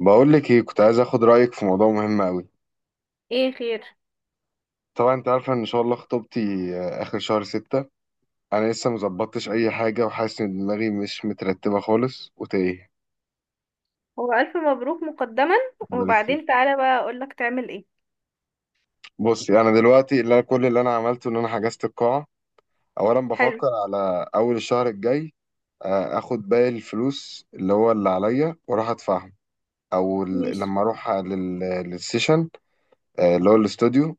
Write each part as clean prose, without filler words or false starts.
بقول لك ايه، كنت عايز اخد رايك في موضوع مهم قوي. ايه خير. طبعا انت عارفه ان شاء الله خطوبتي اخر شهر ستة. انا لسه مظبطتش اي حاجه، وحاسس ان دماغي مش مترتبه خالص وتايه. هو الف مبروك مقدما. خد بالك فيك. وبعدين تعالى بقى اقولك تعمل ايه. بصي، انا دلوقتي كل اللي انا عملته ان انا حجزت القاعه. اولا حلو. بفكر على اول الشهر الجاي، اخد باقي الفلوس اللي هو اللي عليا واروح ادفعهم، ماشي. لما اروح للسيشن، اللي هو الاستوديو،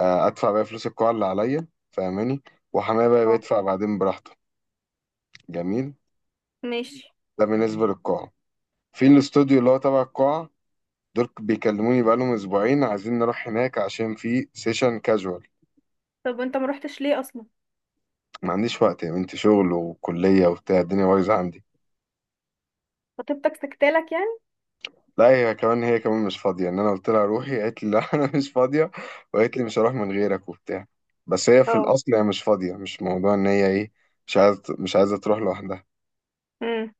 ادفع بقى فلوس القاعه اللي عليا، فاهماني؟ وحماية بقى اه. بيدفع بعدين براحته. جميل. ماشي. ده بالنسبة للقاعة. في الاستوديو اللي هو تبع القاعة، دول بيكلموني بقالهم أسبوعين عايزين نروح هناك عشان في سيشن كاجوال. طب وانت ما روحتش ليه اصلا؟ ما عنديش وقت يا بنتي، شغل وكلية وبتاع، الدنيا بايظة عندي. خطيبتك سكتالك يعني؟ لا، هي كمان مش فاضية، إن أنا قلت لها روحي قالت لي لا أنا مش فاضية، وقالت لي مش هروح من غيرك وبتاع. بس هي في اه. الأصل هي مش فاضية، مش موضوع إن هي إيه، مش عايزة تروح لوحدها. امم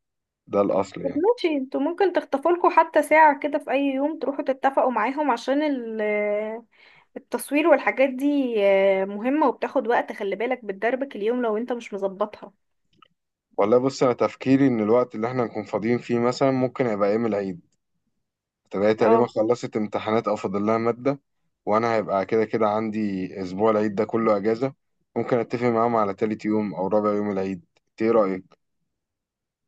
ده الأصل طب يعني. ماشي، انتوا ممكن تخطفوا لكم حتى ساعة كده في اي يوم، تروحوا تتفقوا معاهم عشان التصوير والحاجات دي مهمة وبتاخد وقت. خلي بالك بتدربك اليوم لو انت مش مظبطها. والله بص، أنا تفكيري إن الوقت اللي إحنا نكون فاضيين فيه مثلا ممكن يبقى يوم العيد. فهي تقريبا اه. خلصت امتحانات او فاضل لها ماده، وانا هيبقى كده كده عندي اسبوع العيد ده كله اجازه. ممكن اتفق معاهم على تالت يوم او رابع يوم العيد. انت ايه رايك؟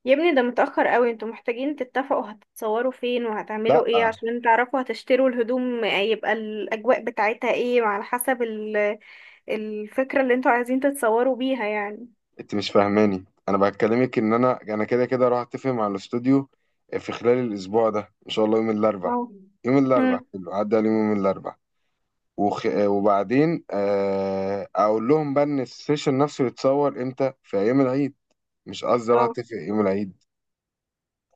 يا ابني ده متأخر قوي، انتوا محتاجين تتفقوا هتتصوروا فين لا، وهتعملوا ايه عشان تعرفوا هتشتروا الهدوم، يبقى الأجواء بتاعتها ايه وعلى حسب الفكرة اللي انتوا عايزين تتصوروا بيها يعني. انت مش فاهماني، انا بكلمك ان انا كده كده راح اتفق مع الاستوديو في خلال الاسبوع ده ان شاء الله يوم الاربع. اه. يوم الاربع مم. حلو، عدى عليهم يوم الاربع، وخ... آه، وبعدين اقول لهم بقى ان السيشن نفسه يتصور امتى في ايام العيد. مش قصدي راح اه. اتفق يوم العيد،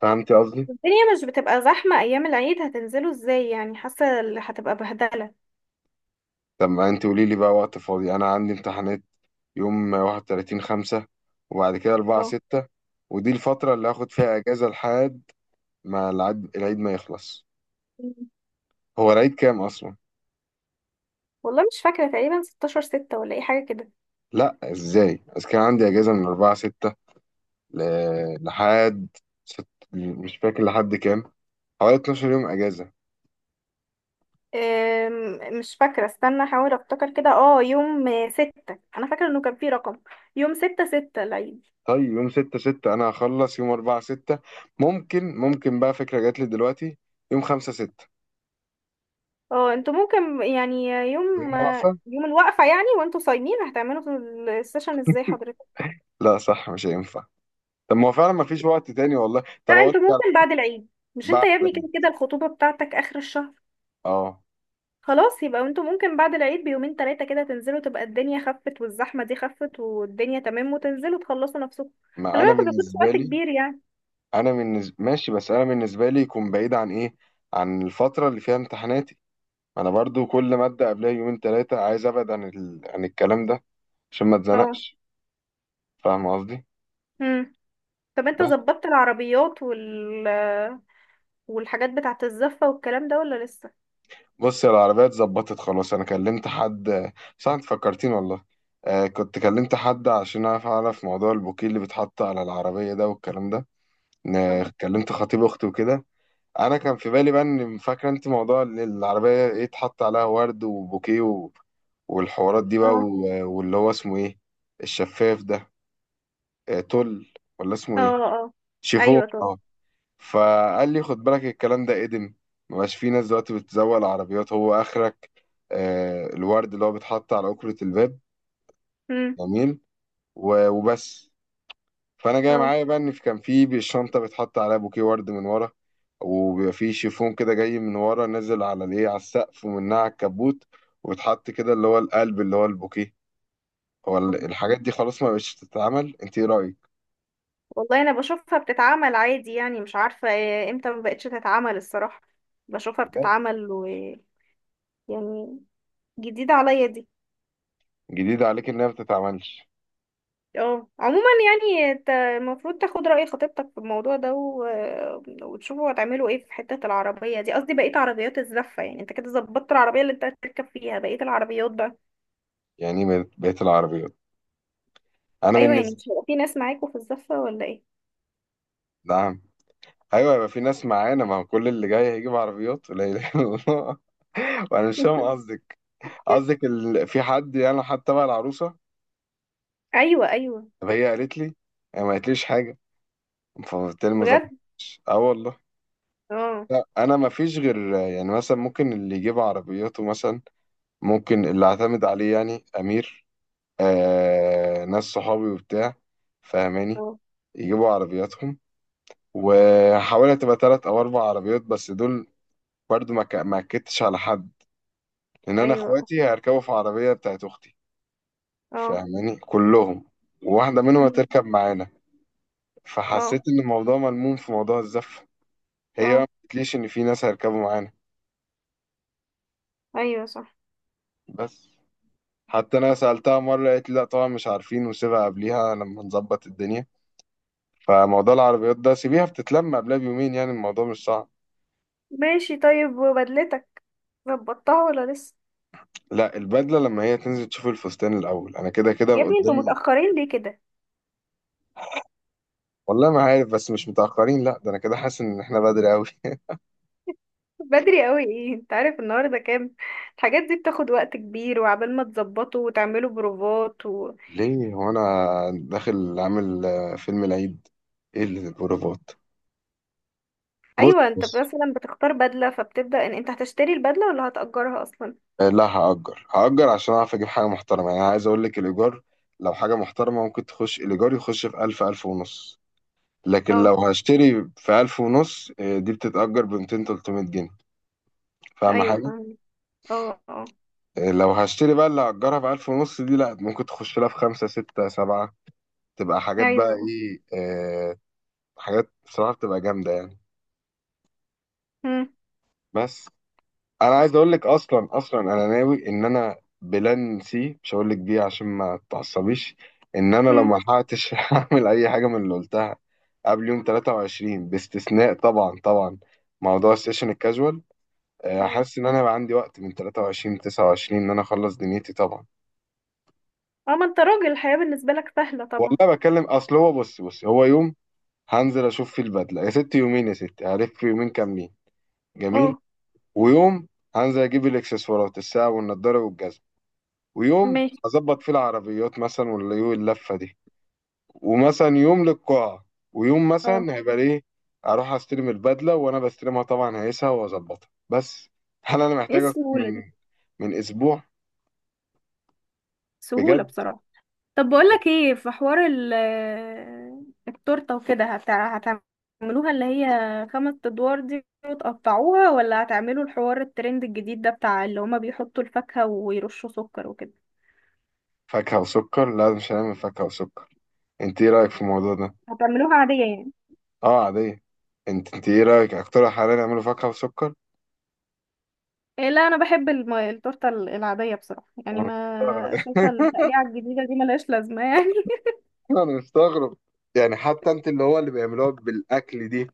فهمتي قصدي؟ الدنيا مش بتبقى زحمة أيام العيد، هتنزلوا ازاي يعني؟ حاسة هتبقى بهدلة. طب ما انت قولي لي بقى وقت فاضي، انا عندي امتحانات يوم 31 5، وبعد كده 4 اه. 6. ودي الفترة اللي هاخد فيها اجازة لحد ما العيد ما يخلص. مم. هو العيد كام اصلا؟ والله مش فاكرة، تقريبا 16 ستة ولا اي حاجة كده. لا ازاي، بس كان عندي اجازة من 4 6 ل... لحد ست... مش فاكر لحد كام، حوالي 12 يوم اجازة. مش فاكرة، استنى احاول افتكر كده. اه، يوم ستة انا فاكرة انه كان في رقم. يوم ستة ستة العيد. طيب يوم 6 6 انا هخلص يوم 4 6. ممكن بقى فكرة جات لي دلوقتي، يوم 5 6، اه، انتوا ممكن يعني يوم يوم واقفة يوم الوقفة يعني وانتوا صايمين، هتعملوا في السيشن ازاي حضرتك؟ لا صح، مش هينفع. طب ما هو فعلا ما فيش وقت تاني والله. لا طب اقول انتوا لك ممكن بعد العيد. مش انت بعد، يا ابني كده كده الخطوبة بتاعتك اخر الشهر. اه، خلاص، يبقى انتوا ممكن بعد العيد بيومين تلاتة كده تنزلوا، تبقى الدنيا خفت والزحمة دي خفت والدنيا تمام، وتنزلوا تخلصوا نفسكم. ما خلي انا بالك ما بياخدش بالنسبه وقت لي، كبير يعني. انا بالنسبه ماشي، بس انا بالنسبه لي يكون بعيد عن ايه، عن الفتره اللي فيها امتحاناتي. انا برضو كل ماده قبلها يومين ثلاثه عايز ابعد عن الكلام ده عشان ما اه. اتزنقش، فاهم قصدي؟ امم طب انت بس. ظبطت العربيات والحاجات بتاعة الزفة والكلام ده ولا لسه؟ بص، يا العربيه اتظبطت خلاص، انا كلمت حد، صح؟ انت فكرتين والله. آه كنت كلمت حد عشان اعرف موضوع البوكيه اللي بيتحط على العربيه ده والكلام ده. اه. كلمت خطيب اختي وكده. انا كان في بالي بقى، ان فاكره انت موضوع ان العربيه ايه اتحط عليها ورد وبوكيه و... والحوارات دي بقى اه. و... واللي هو اسمه ايه، الشفاف ده، آه، تل ولا اسمه اه. ايه، اه. شيفون، ايوه طب. اه. فقال لي خد بالك الكلام ده ادم، مبقاش في ناس دلوقتي بتزوق العربيات، هو اخرك آه الورد اللي هو بيتحط على أكرة الباب. امم جميل. و... وبس. فانا جاي اه معايا بقى ان كان في بالشنطه بيتحط عليها بوكيه ورد من ورا، وبيبقى في شيفون كده جاي من ورا نازل على الايه على السقف ومنها على الكبوت، وبيتحط كده اللي هو القلب اللي هو البوكيه. الحاجات دي خلاص ما بقتش تتعمل، انت ايه رايك؟ والله انا بشوفها بتتعمل عادي يعني، مش عارفة امتى ما بقتش تتعمل الصراحة. بشوفها بجد؟ بتتعمل يعني، جديدة عليا دي. جديد عليك انها ما بتتعملش؟ اه، عموما يعني انت المفروض تاخد رأي خطيبتك في الموضوع ده وتشوفوا هتعملوا ايه في حتة العربية دي. قصدي بقية عربيات الزفة يعني. انت كده ظبطت العربية اللي انت هتركب فيها، بقية العربيات بقى؟ يعني بقت العربيات، انا ايوه يعني بالنسبه. مش هيبقى في ناس معاكوا في الزفة ولا ايه؟ نعم. ايوه يبقى في ناس معانا، ما هو كل اللي جاي هيجيب عربيات لا اله الا الله وانا مش فاهم قصدك. في حد يعني حتى بقى العروسه؟ ايوه، ايوه. طب هي قالت لي، هي ما قالتليش حاجه، فبالتالي ما بجد. ظبطش. اه والله. اه. لا، انا ما فيش غير يعني مثلا ممكن اللي يجيب عربياته مثلا، ممكن اللي اعتمد عليه يعني امير، آه ناس صحابي وبتاع، فاهماني، اه. يجيبوا عربياتهم. وحاولت تبقى تلات او اربع عربيات بس دول، برضو ما اكدتش على حد، لان انا ايوه. اه. اخواتي هيركبوا في عربيه بتاعت اختي، اه. فاهماني، كلهم، وواحده منهم مم. هتركب معانا. فحسيت اه. ان الموضوع ملموم في موضوع الزفه. هي آه. ما قلتليش ان في ناس هيركبوا معانا. ايوه صح. بس، حتى انا سالتها مره قالت لي لا طبعا مش عارفين، وسيبها قبليها لما نظبط الدنيا. فموضوع العربيات ده سيبيها بتتلم قبلها بيومين، يعني الموضوع مش صعب. ماشي، طيب وبدلتك ظبطتها ولا لسه؟ لا، البدله لما هي تنزل تشوف الفستان الاول، انا كده كده يا ابني انتوا قدامي. متأخرين ليه كده؟ والله ما عارف، بس مش متاخرين، لا ده انا كده حاسس ان احنا بدري قوي بدري قوي ايه، انت عارف النهارده كام؟ الحاجات دي بتاخد وقت كبير، وعبال ما تظبطوا وتعملوا بروفات ليه، هو انا داخل عامل فيلم العيد؟ ايه اللي البروفات؟ بص ايوه، انت بص، مثلا بتختار بدله، فبتبدأ ان انت هتشتري البدله ولا هتأجرها اصلا. لا هأجر عشان أعرف أجيب حاجة محترمة. يعني عايز أقول لك، الإيجار لو حاجة محترمة ممكن تخش الإيجار يخش في ألف، ألف ونص. لكن اه. لو هشتري في ألف ونص، دي بتتأجر بمتين تلتمية جنيه. فاهم ايوه حاجة؟ فاهمة. اه. اه. لو هشتري بقى، اللي هأجرها في ألف ونص دي، لأ، ممكن تخش لها في خمسة ستة سبعة. تبقى حاجات بقى ايوه. إيه حاجات بصراحة بتبقى جامدة يعني. هم، بس. أنا عايز أقول لك أصلا، أنا ناوي إن أنا بلان سي، مش هقول لك بيه عشان ما تعصبيش، إن أنا لو هم. ملحقتش هعمل أي حاجة من اللي قلتها قبل يوم 23، باستثناء طبعا موضوع السيشن الكاجوال. اه. حاسس ان انا بقى عندي وقت من 23 ل 29 ان انا اخلص دنيتي طبعا. اه. ما انت راجل الحياه بالنسبه لك سهله طبعا. والله بكلم، اصل هو، بص بص، هو يوم هنزل اشوف فيه البدله يا ستي، يومين يا ستي، هلف يومين كاملين، جميل. اه. ويوم هنزل اجيب الاكسسوارات، الساعه والنضاره والجزمه. ويوم ماشي. هظبط فيه العربيات مثلا، ولا يوم اللفه دي. ومثلا يوم للقاعه. ويوم اه، مثلا هيبقى ليه اروح استلم البدله، وانا بستلمها طبعا هيسها واظبطها بس. هل انا ايه محتاج اكتر السهوله دي. من اسبوع؟ سهوله بجد؟ بصراحه. طب بقولك ايه، في حوار التورته وكده هتعملوها اللي هي خمس ادوار دي وتقطعوها، ولا هتعملوا الحوار الترند الجديد ده بتاع اللي هما بيحطوا الفاكهه ويرشوا سكر وكده؟ فاكهة وسكر؟ لا مش هنعمل فاكهة وسكر. انت ايه رأيك في الموضوع ده؟ هتعملوها عاديه يعني؟ اه عادية. انت ايه رأيك، اقترح علينا نعمله فاكهة وسكر. إيه لا، انا بحب التورته العاديه بصراحه، يعني انا ما شايفه مستغرب التقليعه الجديده دي ملهاش لازمه يعني. انا مستغرب. يعني حتى انت اللي هو اللي بيعملوها بالاكل دي.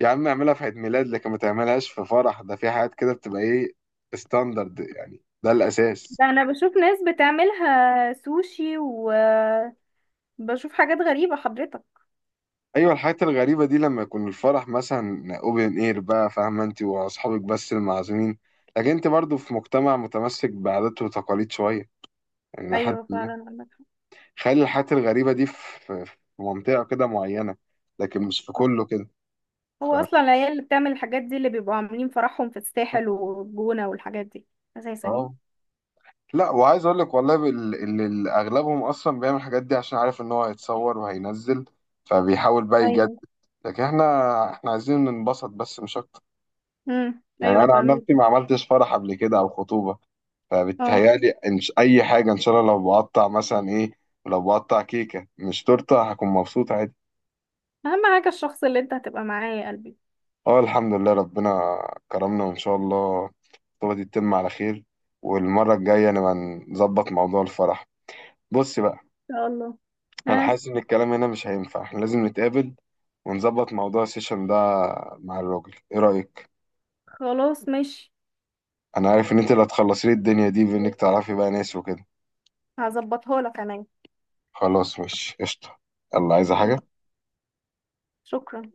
يا عم اعملها في عيد ميلاد لكن ما تعملهاش في فرح، ده في حاجات كده بتبقى ايه ستاندرد يعني، ده الاساس. ده انا بشوف ناس بتعملها سوشي، وبشوف حاجات غريبه حضرتك. ايوه الحاجات الغريبة دي لما يكون الفرح مثلا اوبن اير بقى، فاهمة؟ انت واصحابك بس المعزومين، لكن انت برضو في مجتمع متمسك بعادات وتقاليد شوية، يعني لحد. ايوه فعلا عندك خلي الحاجات الغريبة دي في منطقة كده معينة، لكن مش في حق. كله كده، هو فاهم؟ اصلا العيال اللي بتعمل الحاجات دي اللي بيبقوا عاملين فرحهم في الساحل والجونة والحاجات دي اساسا يعني. اه لا، وعايز اقول لك والله اللي اغلبهم اصلا بيعمل الحاجات دي عشان عارف ان هو هيتصور وهينزل، فبيحاول بقى يجدد. ايوه. لكن احنا عايزين ننبسط بس مش اكتر. يعني ايوه انا عن فاهمين. نفسي ما عملتش فرح قبل كده او خطوبة، اه، فبتهيالي إن اي حاجة ان شاء الله. لو بقطع مثلا ايه، لو بقطع كيكة مش تورتة هكون مبسوط عادي. اهم حاجة الشخص اللي انت هتبقى معاه يا قلبي. اه الحمد لله، ربنا كرمنا، وان شاء الله الخطوبه دي تتم على خير، والمره الجايه نبقى نظبط موضوع الفرح. بص بقى، ان شاء الله. انا ها. حاسس ان الكلام هنا مش هينفع، احنا لازم نتقابل ونظبط موضوع السيشن ده مع الراجل، ايه رايك؟ خلاص ماشي. انا عارف ان انت اللي هتخلصي لي الدنيا دي بانك تعرفي بقى ناس وكده. هظبطها لك كمان. خلاص، مش قشطه. يلا، عايزه حاجه؟ شكرا.